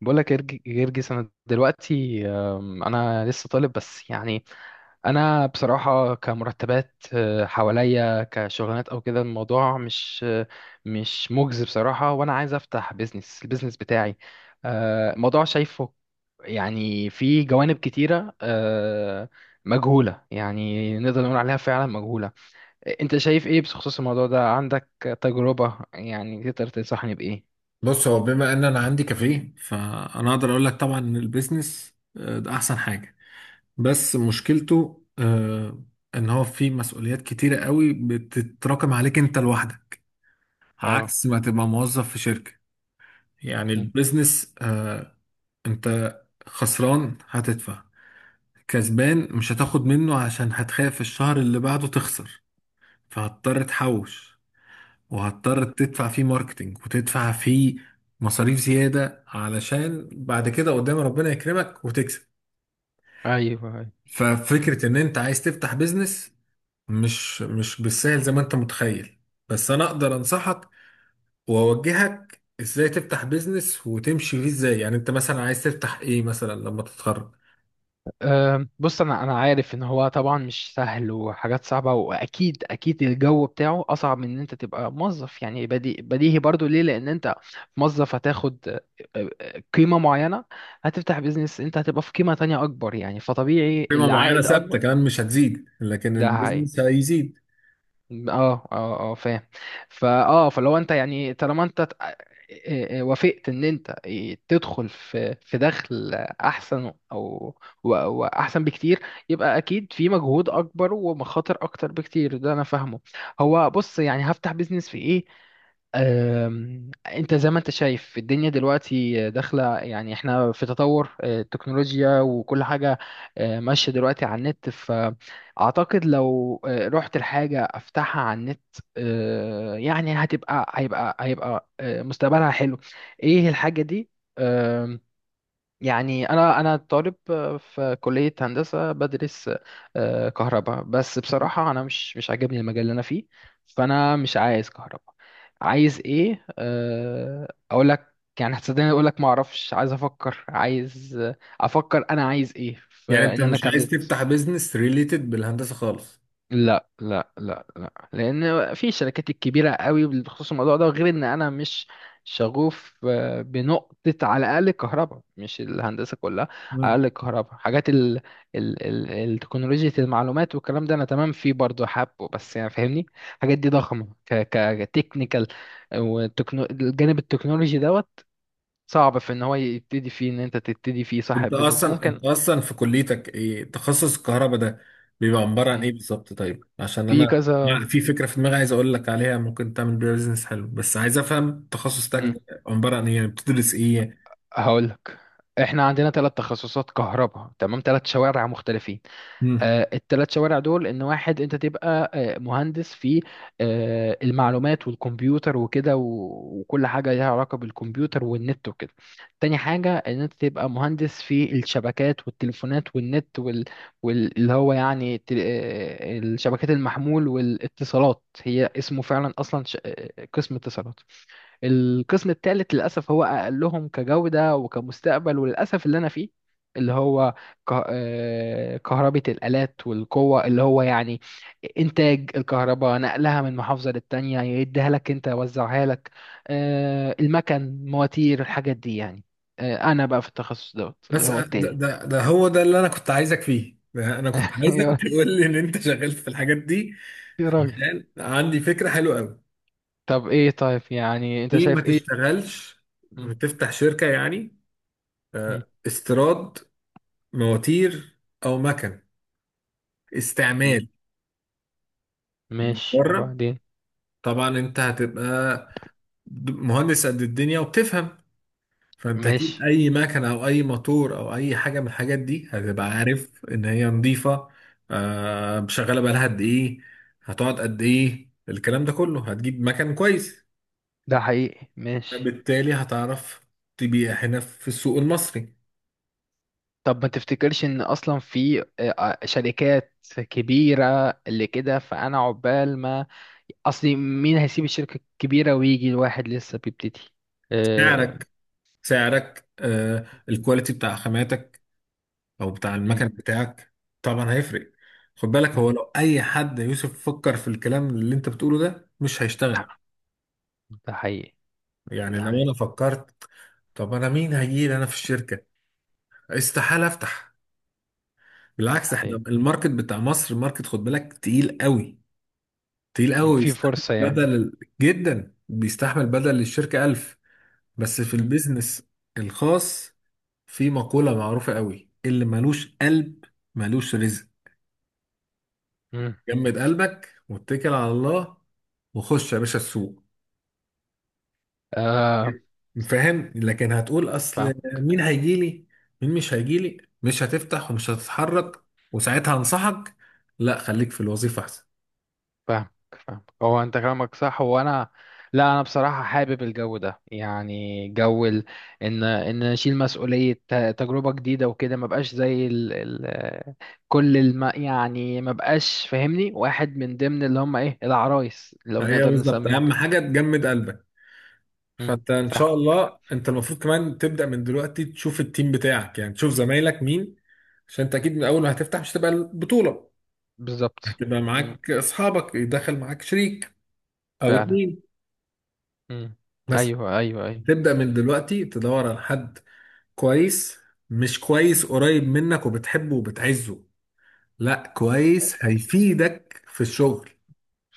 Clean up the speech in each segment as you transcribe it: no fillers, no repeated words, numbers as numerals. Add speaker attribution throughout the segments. Speaker 1: بقول لك جرجس، انا دلوقتي انا لسه طالب بس. يعني انا بصراحه كمرتبات حواليا كشغلانات او كده، الموضوع مش مجزي بصراحه. وانا عايز افتح بيزنس، البيزنس بتاعي الموضوع شايفه. يعني في جوانب كتيره مجهوله، يعني نقدر نقول عليها فعلا مجهوله. انت شايف ايه بخصوص الموضوع ده؟ عندك تجربه؟ يعني تقدر تنصحني بايه؟
Speaker 2: بص، هو بما ان انا عندي كافيه فانا اقدر اقول لك طبعا ان البيزنس ده احسن حاجه. بس مشكلته ان هو فيه مسؤوليات كتيره قوي بتتراكم عليك انت لوحدك،
Speaker 1: اه.
Speaker 2: عكس ما تبقى موظف في شركه. يعني
Speaker 1: مم.
Speaker 2: البيزنس انت خسران هتدفع، كسبان مش هتاخد منه عشان هتخاف الشهر اللي بعده تخسر، فهتضطر تحوش، وهتضطر
Speaker 1: مم.
Speaker 2: تدفع فيه ماركتينج وتدفع فيه مصاريف زيادة علشان بعد كده قدام ربنا يكرمك وتكسب.
Speaker 1: ايوه، أيوه.
Speaker 2: ففكرة ان انت عايز تفتح بيزنس مش بالسهل زي ما انت متخيل. بس انا اقدر انصحك واوجهك ازاي تفتح بيزنس وتمشي فيه ازاي. يعني انت مثلا عايز تفتح ايه مثلا لما تتخرج؟
Speaker 1: بص، انا عارف ان هو طبعا مش سهل وحاجات صعبه، واكيد اكيد الجو بتاعه اصعب من ان انت تبقى موظف. يعني بديهي برضو ليه، لان انت موظف هتاخد أه، أه، قيمه معينه. هتفتح بيزنس، انت هتبقى في قيمه تانية اكبر، يعني فطبيعي
Speaker 2: قيمة معينة
Speaker 1: العائد
Speaker 2: ثابتة
Speaker 1: اكبر.
Speaker 2: كمان مش هتزيد، لكن
Speaker 1: ده.
Speaker 2: البيزنس هيزيد.
Speaker 1: اه، اه، اه، فاهم. فلو انت يعني، طالما انت وافقت ان انت تدخل في دخل احسن، او واحسن بكتير، يبقى اكيد في مجهود اكبر ومخاطر اكتر بكتير، ده انا فاهمه. هو بص، يعني هفتح بيزنس في ايه؟ انت زي ما انت شايف الدنيا دلوقتي داخله، يعني احنا في تطور التكنولوجيا وكل حاجه ماشيه دلوقتي على النت. اعتقد لو رحت الحاجه افتحها على النت يعني هتبقى هيبقى هيبقى مستقبلها حلو. ايه الحاجه دي؟ آم، يعني انا طالب في كليه هندسه، بدرس كهرباء، بس بصراحه انا مش عاجبني المجال اللي انا فيه. فانا مش عايز كهرباء. عايز ايه اقول لك؟ يعني هتصدقني اقول لك ما اعرفش، عايز افكر عايز آه، افكر انا عايز ايه،
Speaker 2: يعني انت
Speaker 1: فان انا
Speaker 2: مش
Speaker 1: كان.
Speaker 2: عايز تفتح بيزنس ريليتد بالهندسة خالص؟
Speaker 1: لا، لا، لا، لا، لان في شركات الكبيره قوي بخصوص الموضوع ده، غير ان انا مش شغوف بنقطه، على الاقل الكهرباء مش الهندسه كلها. على
Speaker 2: مم.
Speaker 1: الاقل الكهرباء، حاجات ال ال ال التكنولوجيا المعلومات والكلام ده، انا تمام فيه برضه حابه. بس يعني فاهمني، الحاجات دي ضخمه ك ك تكنيكال، والجانب التكنولوجي دوت صعب في ان هو يبتدي فيه، ان انت تبتدي فيه
Speaker 2: انت
Speaker 1: صاحب بيزنس
Speaker 2: اصلا،
Speaker 1: ممكن.
Speaker 2: في كليتك ايه تخصص الكهرباء ده؟ بيبقى عبارة عن
Speaker 1: مم.
Speaker 2: ايه بالظبط؟ طيب عشان
Speaker 1: في
Speaker 2: انا يعني
Speaker 1: كذا.
Speaker 2: في فكرة في دماغي عايز اقول لك عليها، ممكن تعمل بيها بيزنس حلو، بس عايز افهم تخصص تاج
Speaker 1: مم.
Speaker 2: ده عبارة عن ايه، يعني بتدرس ايه؟
Speaker 1: هقولك، احنا عندنا ثلاث تخصصات كهرباء، تمام؟ ثلاث شوارع مختلفين.
Speaker 2: مم.
Speaker 1: الثلاث شوارع دول، ان واحد انت تبقى مهندس في المعلومات والكمبيوتر وكده، وكل حاجة ليها علاقة بالكمبيوتر والنت وكده. تاني حاجة، ان انت تبقى مهندس في الشبكات والتليفونات والنت اللي هو يعني الشبكات المحمول والاتصالات، هي اسمه فعلا اصلا قسم اتصالات. القسم الثالث للأسف هو أقلهم كجودة وكمستقبل، وللأسف اللي أنا فيه، اللي هو كهربة الآلات والقوة، اللي هو يعني إنتاج الكهرباء، نقلها من محافظة للتانية، يديها لك أنت، يوزعها لك المكن، مواتير، الحاجات دي يعني. أنا بقى في التخصص دوت اللي
Speaker 2: بس
Speaker 1: هو
Speaker 2: ده,
Speaker 1: التالت.
Speaker 2: ده ده هو ده اللي انا كنت عايزك فيه، ده انا كنت عايزك
Speaker 1: يا
Speaker 2: تقول لي ان انت شغال في الحاجات دي.
Speaker 1: يا راجل.
Speaker 2: عشان عندي فكرة حلوة قوي.
Speaker 1: طب إيه؟ طيب يعني أنت
Speaker 2: ليه ما
Speaker 1: شايف إيه؟
Speaker 2: تشتغلش
Speaker 1: م-
Speaker 2: وتفتح شركة يعني
Speaker 1: م-
Speaker 2: استيراد مواتير او مكن
Speaker 1: م-
Speaker 2: استعمال
Speaker 1: ماشي،
Speaker 2: بره؟
Speaker 1: وبعدين؟
Speaker 2: طبعا انت هتبقى مهندس قد الدنيا وبتفهم، فانت اكيد
Speaker 1: ماشي.
Speaker 2: اي مكنه او اي موتور او اي حاجه من الحاجات دي هتبقى عارف ان هي نظيفه، آه شغاله بقالها قد ايه، هتقعد قد ايه، الكلام ده كله. هتجيب مكن كويس،
Speaker 1: ده حقيقي. ماشي.
Speaker 2: بالتالي هتعرف تبيع هنا في السوق المصري.
Speaker 1: طب ما تفتكرش ان اصلا في شركات كبيرة اللي كده؟ فانا عقبال ما اصلي، مين هيسيب الشركة الكبيرة ويجي الواحد لسه بيبتدي؟ آه،
Speaker 2: سعرك سعرك آه الكواليتي بتاع خاماتك او بتاع
Speaker 1: مم.
Speaker 2: المكن بتاعك طبعا هيفرق. خد بالك، هو
Speaker 1: مم.
Speaker 2: لو اي حد يا يوسف فكر في الكلام اللي انت بتقوله ده مش هيشتغل.
Speaker 1: ده حقيقي.
Speaker 2: يعني
Speaker 1: ده
Speaker 2: لو انا
Speaker 1: حقيقي.
Speaker 2: فكرت طب انا مين هيجي لي انا في الشركه، استحاله افتح.
Speaker 1: ده
Speaker 2: بالعكس احنا
Speaker 1: حقيقي.
Speaker 2: الماركت بتاع مصر ماركت، خد بالك، تقيل قوي، تقيل
Speaker 1: مم،
Speaker 2: قوي،
Speaker 1: في
Speaker 2: يستحمل
Speaker 1: فرصة يعني.
Speaker 2: بدل جدا، بيستحمل بدل للشركه ألف. بس في
Speaker 1: مم.
Speaker 2: البيزنس الخاص في مقولة معروفة قوي، اللي ملوش قلب ملوش رزق.
Speaker 1: مم.
Speaker 2: جمد قلبك واتكل على الله وخش يا باشا السوق.
Speaker 1: آه.
Speaker 2: فاهم؟ لكن هتقول اصل مين هيجيلي مين مش هيجيلي، مش هتفتح ومش هتتحرك، وساعتها انصحك لا خليك في الوظيفة احسن.
Speaker 1: فاهمك، فاهمك. هو انت كلامك صح. هو انا، لا انا بصراحه حابب الجو ده، يعني جو ان اشيل مسؤوليه، تجربه جديده وكده، ما بقاش زي كل يعني ما بقاش فاهمني، واحد من ضمن اللي هم ايه، العرايس لو
Speaker 2: هي
Speaker 1: نقدر
Speaker 2: بالظبط
Speaker 1: نسميهم
Speaker 2: اهم
Speaker 1: كده.
Speaker 2: حاجة تجمد قلبك.
Speaker 1: امم.
Speaker 2: فانت ان
Speaker 1: فاهم.
Speaker 2: شاء الله انت المفروض كمان تبدأ من دلوقتي تشوف التيم بتاعك، يعني تشوف زمايلك مين، عشان انت اكيد من اول ما هتفتح مش هتبقى البطولة،
Speaker 1: بالظبط.
Speaker 2: هتبقى
Speaker 1: امم.
Speaker 2: معاك اصحابك، يدخل معاك شريك او
Speaker 1: فعلا.
Speaker 2: اتنين.
Speaker 1: امم.
Speaker 2: بس
Speaker 1: ايوه، ايوه، ايوه.
Speaker 2: تبدأ من دلوقتي تدور على حد كويس. مش كويس قريب منك وبتحبه وبتعزه، لا، كويس هيفيدك في الشغل.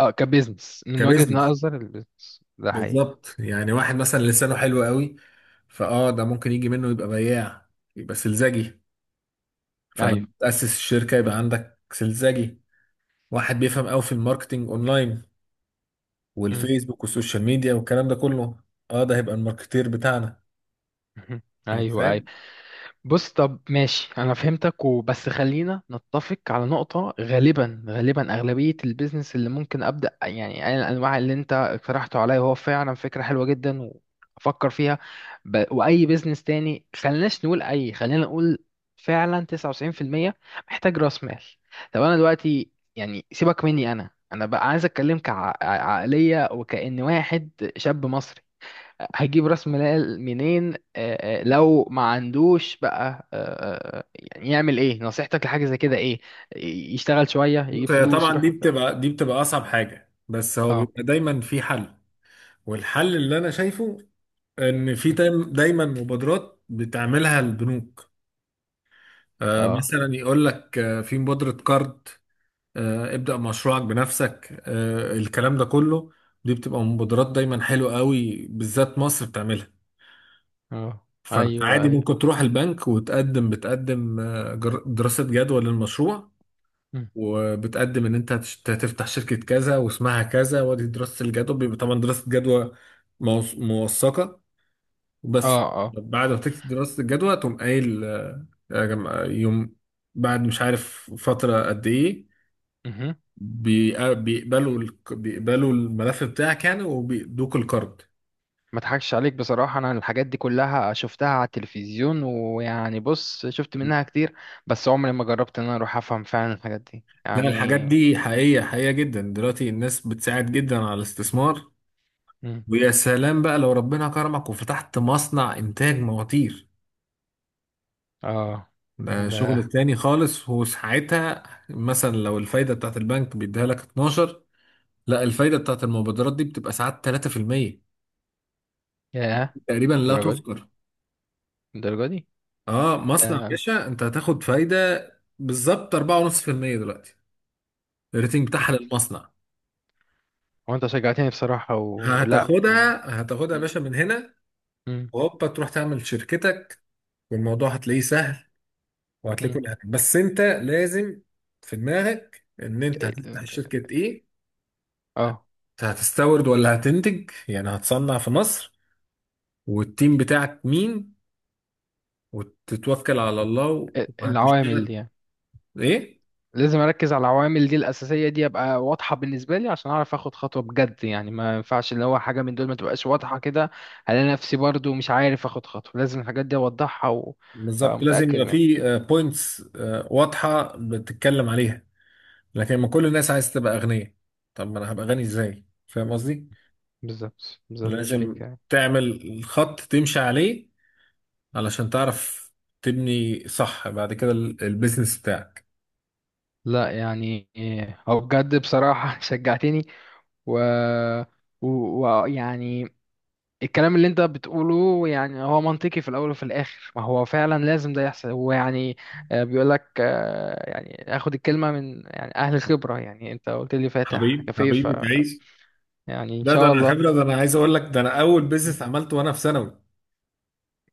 Speaker 1: اه، كبزنس من وجهه
Speaker 2: كبزنس،
Speaker 1: نظر البزنس ده حقيقي.
Speaker 2: بالظبط. يعني واحد مثلا لسانه حلو قوي، فاه ده ممكن يجي منه يبقى بياع، يبقى سلزجي،
Speaker 1: ايوه.
Speaker 2: فلما تأسس الشركة يبقى عندك سلزجي. واحد بيفهم قوي في الماركتينج اونلاين
Speaker 1: امم.
Speaker 2: والفيسبوك والسوشيال ميديا والكلام ده كله، اه ده هيبقى الماركتير بتاعنا. انت
Speaker 1: ايوه.
Speaker 2: فاهم؟
Speaker 1: بص، طب ماشي، انا فهمتك. وبس خلينا نتفق على نقطة، غالبا غالبا اغلبية البيزنس اللي ممكن ابدأ، يعني أي الانواع اللي انت اقترحته عليا هو فعلا فكرة حلوة جدا وافكر فيها. واي بيزنس تاني، خليناش نقول، اي خلينا نقول فعلا 99% محتاج راس مال. طب انا دلوقتي يعني، سيبك مني، انا بقى عايز اتكلم كعقلية، وكأن واحد شاب مصري، هجيب راس مال منين لو ما عندوش بقى يعني يعمل ايه؟ نصيحتك لحاجة زي كده ايه؟ يشتغل شوية
Speaker 2: بص،
Speaker 1: يجيب
Speaker 2: هي
Speaker 1: فلوس
Speaker 2: طبعا
Speaker 1: يروح
Speaker 2: دي
Speaker 1: يبدأ؟
Speaker 2: بتبقى دي بتبقى اصعب حاجه، بس هو
Speaker 1: اه.
Speaker 2: بيبقى دايما في حل. والحل اللي انا شايفه ان في
Speaker 1: م.
Speaker 2: دايما مبادرات بتعملها البنوك. آه
Speaker 1: اه.
Speaker 2: مثلا يقول لك آه في مبادره كارد، آه ابدا مشروعك بنفسك، آه الكلام ده كله. دي بتبقى مبادرات دايما حلوه قوي، بالذات مصر بتعملها.
Speaker 1: اه.
Speaker 2: فانت
Speaker 1: ايوه.
Speaker 2: عادي
Speaker 1: ايوه.
Speaker 2: ممكن تروح البنك وتقدم دراسه جدوى للمشروع،
Speaker 1: م.
Speaker 2: وبتقدم ان انت هتفتح شركة كذا واسمها كذا، وادي دراسة الجدوى، بيبقى طبعا دراسة جدوى موثقة.
Speaker 1: اه.
Speaker 2: بس
Speaker 1: اه.
Speaker 2: بعد ما تكتب دراسة الجدوى تقوم قايل يا جماعة يوم بعد، مش عارف فترة قد ايه،
Speaker 1: مهم.
Speaker 2: بيقبلوا الملف بتاعك يعني، وبيدوك القرض.
Speaker 1: ما اضحكش عليك بصراحة، انا الحاجات دي كلها شفتها على التلفزيون، ويعني بص، شفت منها كتير، بس عمري ما جربت ان انا اروح افهم فعلا الحاجات دي
Speaker 2: لا الحاجات
Speaker 1: يعني.
Speaker 2: دي حقيقية، حقيقية جدا، دلوقتي الناس بتساعد جدا على الاستثمار.
Speaker 1: م.
Speaker 2: ويا سلام بقى لو ربنا كرمك وفتحت مصنع إنتاج مواتير،
Speaker 1: اه.
Speaker 2: ده شغل
Speaker 1: ده.
Speaker 2: تاني خالص. وساعتها مثلا لو الفايدة بتاعت البنك بيديها لك 12، لا الفايدة بتاعت المبادرات دي بتبقى ساعات 3%
Speaker 1: ياه.
Speaker 2: تقريبا، لا
Speaker 1: الدرجة دي؟
Speaker 2: تذكر.
Speaker 1: الدرجة دي؟
Speaker 2: اه مصنع يا
Speaker 1: ده.
Speaker 2: باشا انت هتاخد فايدة بالظبط 4.5% دلوقتي الريتنج بتاعها للمصنع.
Speaker 1: هو انت شجعتني بصراحة ولا يعني؟
Speaker 2: هتاخدها هتاخدها يا
Speaker 1: م-
Speaker 2: باشا من هنا
Speaker 1: م-
Speaker 2: وهوبا تروح تعمل شركتك، والموضوع هتلاقيه سهل، وهتلاقيه
Speaker 1: م.
Speaker 2: كل حاجة. بس انت لازم في دماغك ان انت هتفتح
Speaker 1: ال-
Speaker 2: شركة ايه،
Speaker 1: اه
Speaker 2: انت هتستورد ولا هتنتج يعني هتصنع في مصر، والتيم بتاعك مين، وتتوكل على الله
Speaker 1: العوامل دي
Speaker 2: وهتشتغل.
Speaker 1: يعني،
Speaker 2: ايه
Speaker 1: لازم اركز على العوامل دي الاساسية دي، ابقى واضحة بالنسبة لي عشان اعرف اخد خطوة بجد. يعني ما ينفعش اللي هو حاجة من دول ما تبقاش واضحة كده، الاقي نفسي برضو مش عارف اخد خطوة. لازم الحاجات دي اوضحها
Speaker 2: بالظبط لازم
Speaker 1: ومتأكد
Speaker 2: يبقى
Speaker 1: منها.
Speaker 2: في بوينتس واضحة بتتكلم عليها. لكن ما كل الناس عايز تبقى أغنية، طب ما انا هبقى غني ازاي، فاهم قصدي؟
Speaker 1: بالظبط، بالظبط، مش بيك
Speaker 2: لازم
Speaker 1: يعني.
Speaker 2: تعمل الخط تمشي عليه علشان تعرف تبني صح بعد كده البيزنس بتاعك.
Speaker 1: لا يعني إيه، هو بجد بصراحة شجعتني. و ويعني الكلام اللي انت بتقوله يعني هو منطقي، في الاول وفي الاخر ما هو فعلا لازم ده يحصل. هو يعني بيقول لك، يعني اخد الكلمه من يعني اهل الخبره، يعني انت قلت لي فاتح
Speaker 2: حبيبي
Speaker 1: كافيه، ف
Speaker 2: حبيبي تعيش.
Speaker 1: يعني ان
Speaker 2: لا ده
Speaker 1: شاء
Speaker 2: انا
Speaker 1: الله.
Speaker 2: خبره، ده انا عايز اقول لك ده انا اول بيزنس عملته وانا في ثانوي.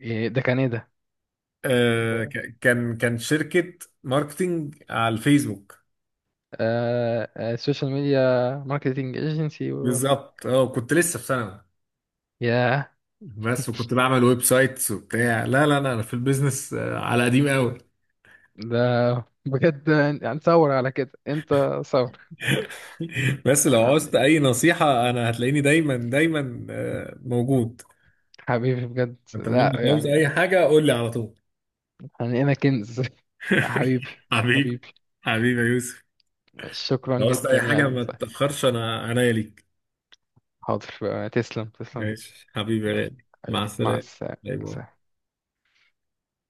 Speaker 1: إيه ده؟ كان ايه ده ده،
Speaker 2: كان شركه ماركتينج على الفيسبوك.
Speaker 1: آه، آه، السوشيال ميديا، ماركتنج ايجنسي
Speaker 2: بالظبط، اه كنت لسه في ثانوي،
Speaker 1: ياه.
Speaker 2: بس وكنت بعمل ويب سايتس وبتاع، لا لا لا انا في البيزنس على قديم قوي.
Speaker 1: ده بجد. يعني تصور على كده انت، صور.
Speaker 2: بس لو عاوزت
Speaker 1: يعني
Speaker 2: اي نصيحه انا هتلاقيني دايما، دايما موجود.
Speaker 1: حبيبي بجد،
Speaker 2: انت منين
Speaker 1: لا
Speaker 2: عاوز اي
Speaker 1: يعني
Speaker 2: حاجه قول لي على طول.
Speaker 1: يعني انا كنز حبيبي.
Speaker 2: حبيبي.
Speaker 1: حبيبي.
Speaker 2: حبيبي يا يوسف.
Speaker 1: شكرا
Speaker 2: لو عاوزت
Speaker 1: جدا
Speaker 2: اي حاجه
Speaker 1: يعني،
Speaker 2: ما
Speaker 1: طيب.
Speaker 2: تتاخرش، انا عناية ليك.
Speaker 1: حاضر، تسلم، تسلم جدا.
Speaker 2: ماشي حبيبي يا غالي. مع
Speaker 1: مع
Speaker 2: السلامة.
Speaker 1: السلامة.
Speaker 2: باي باي.
Speaker 1: سلام.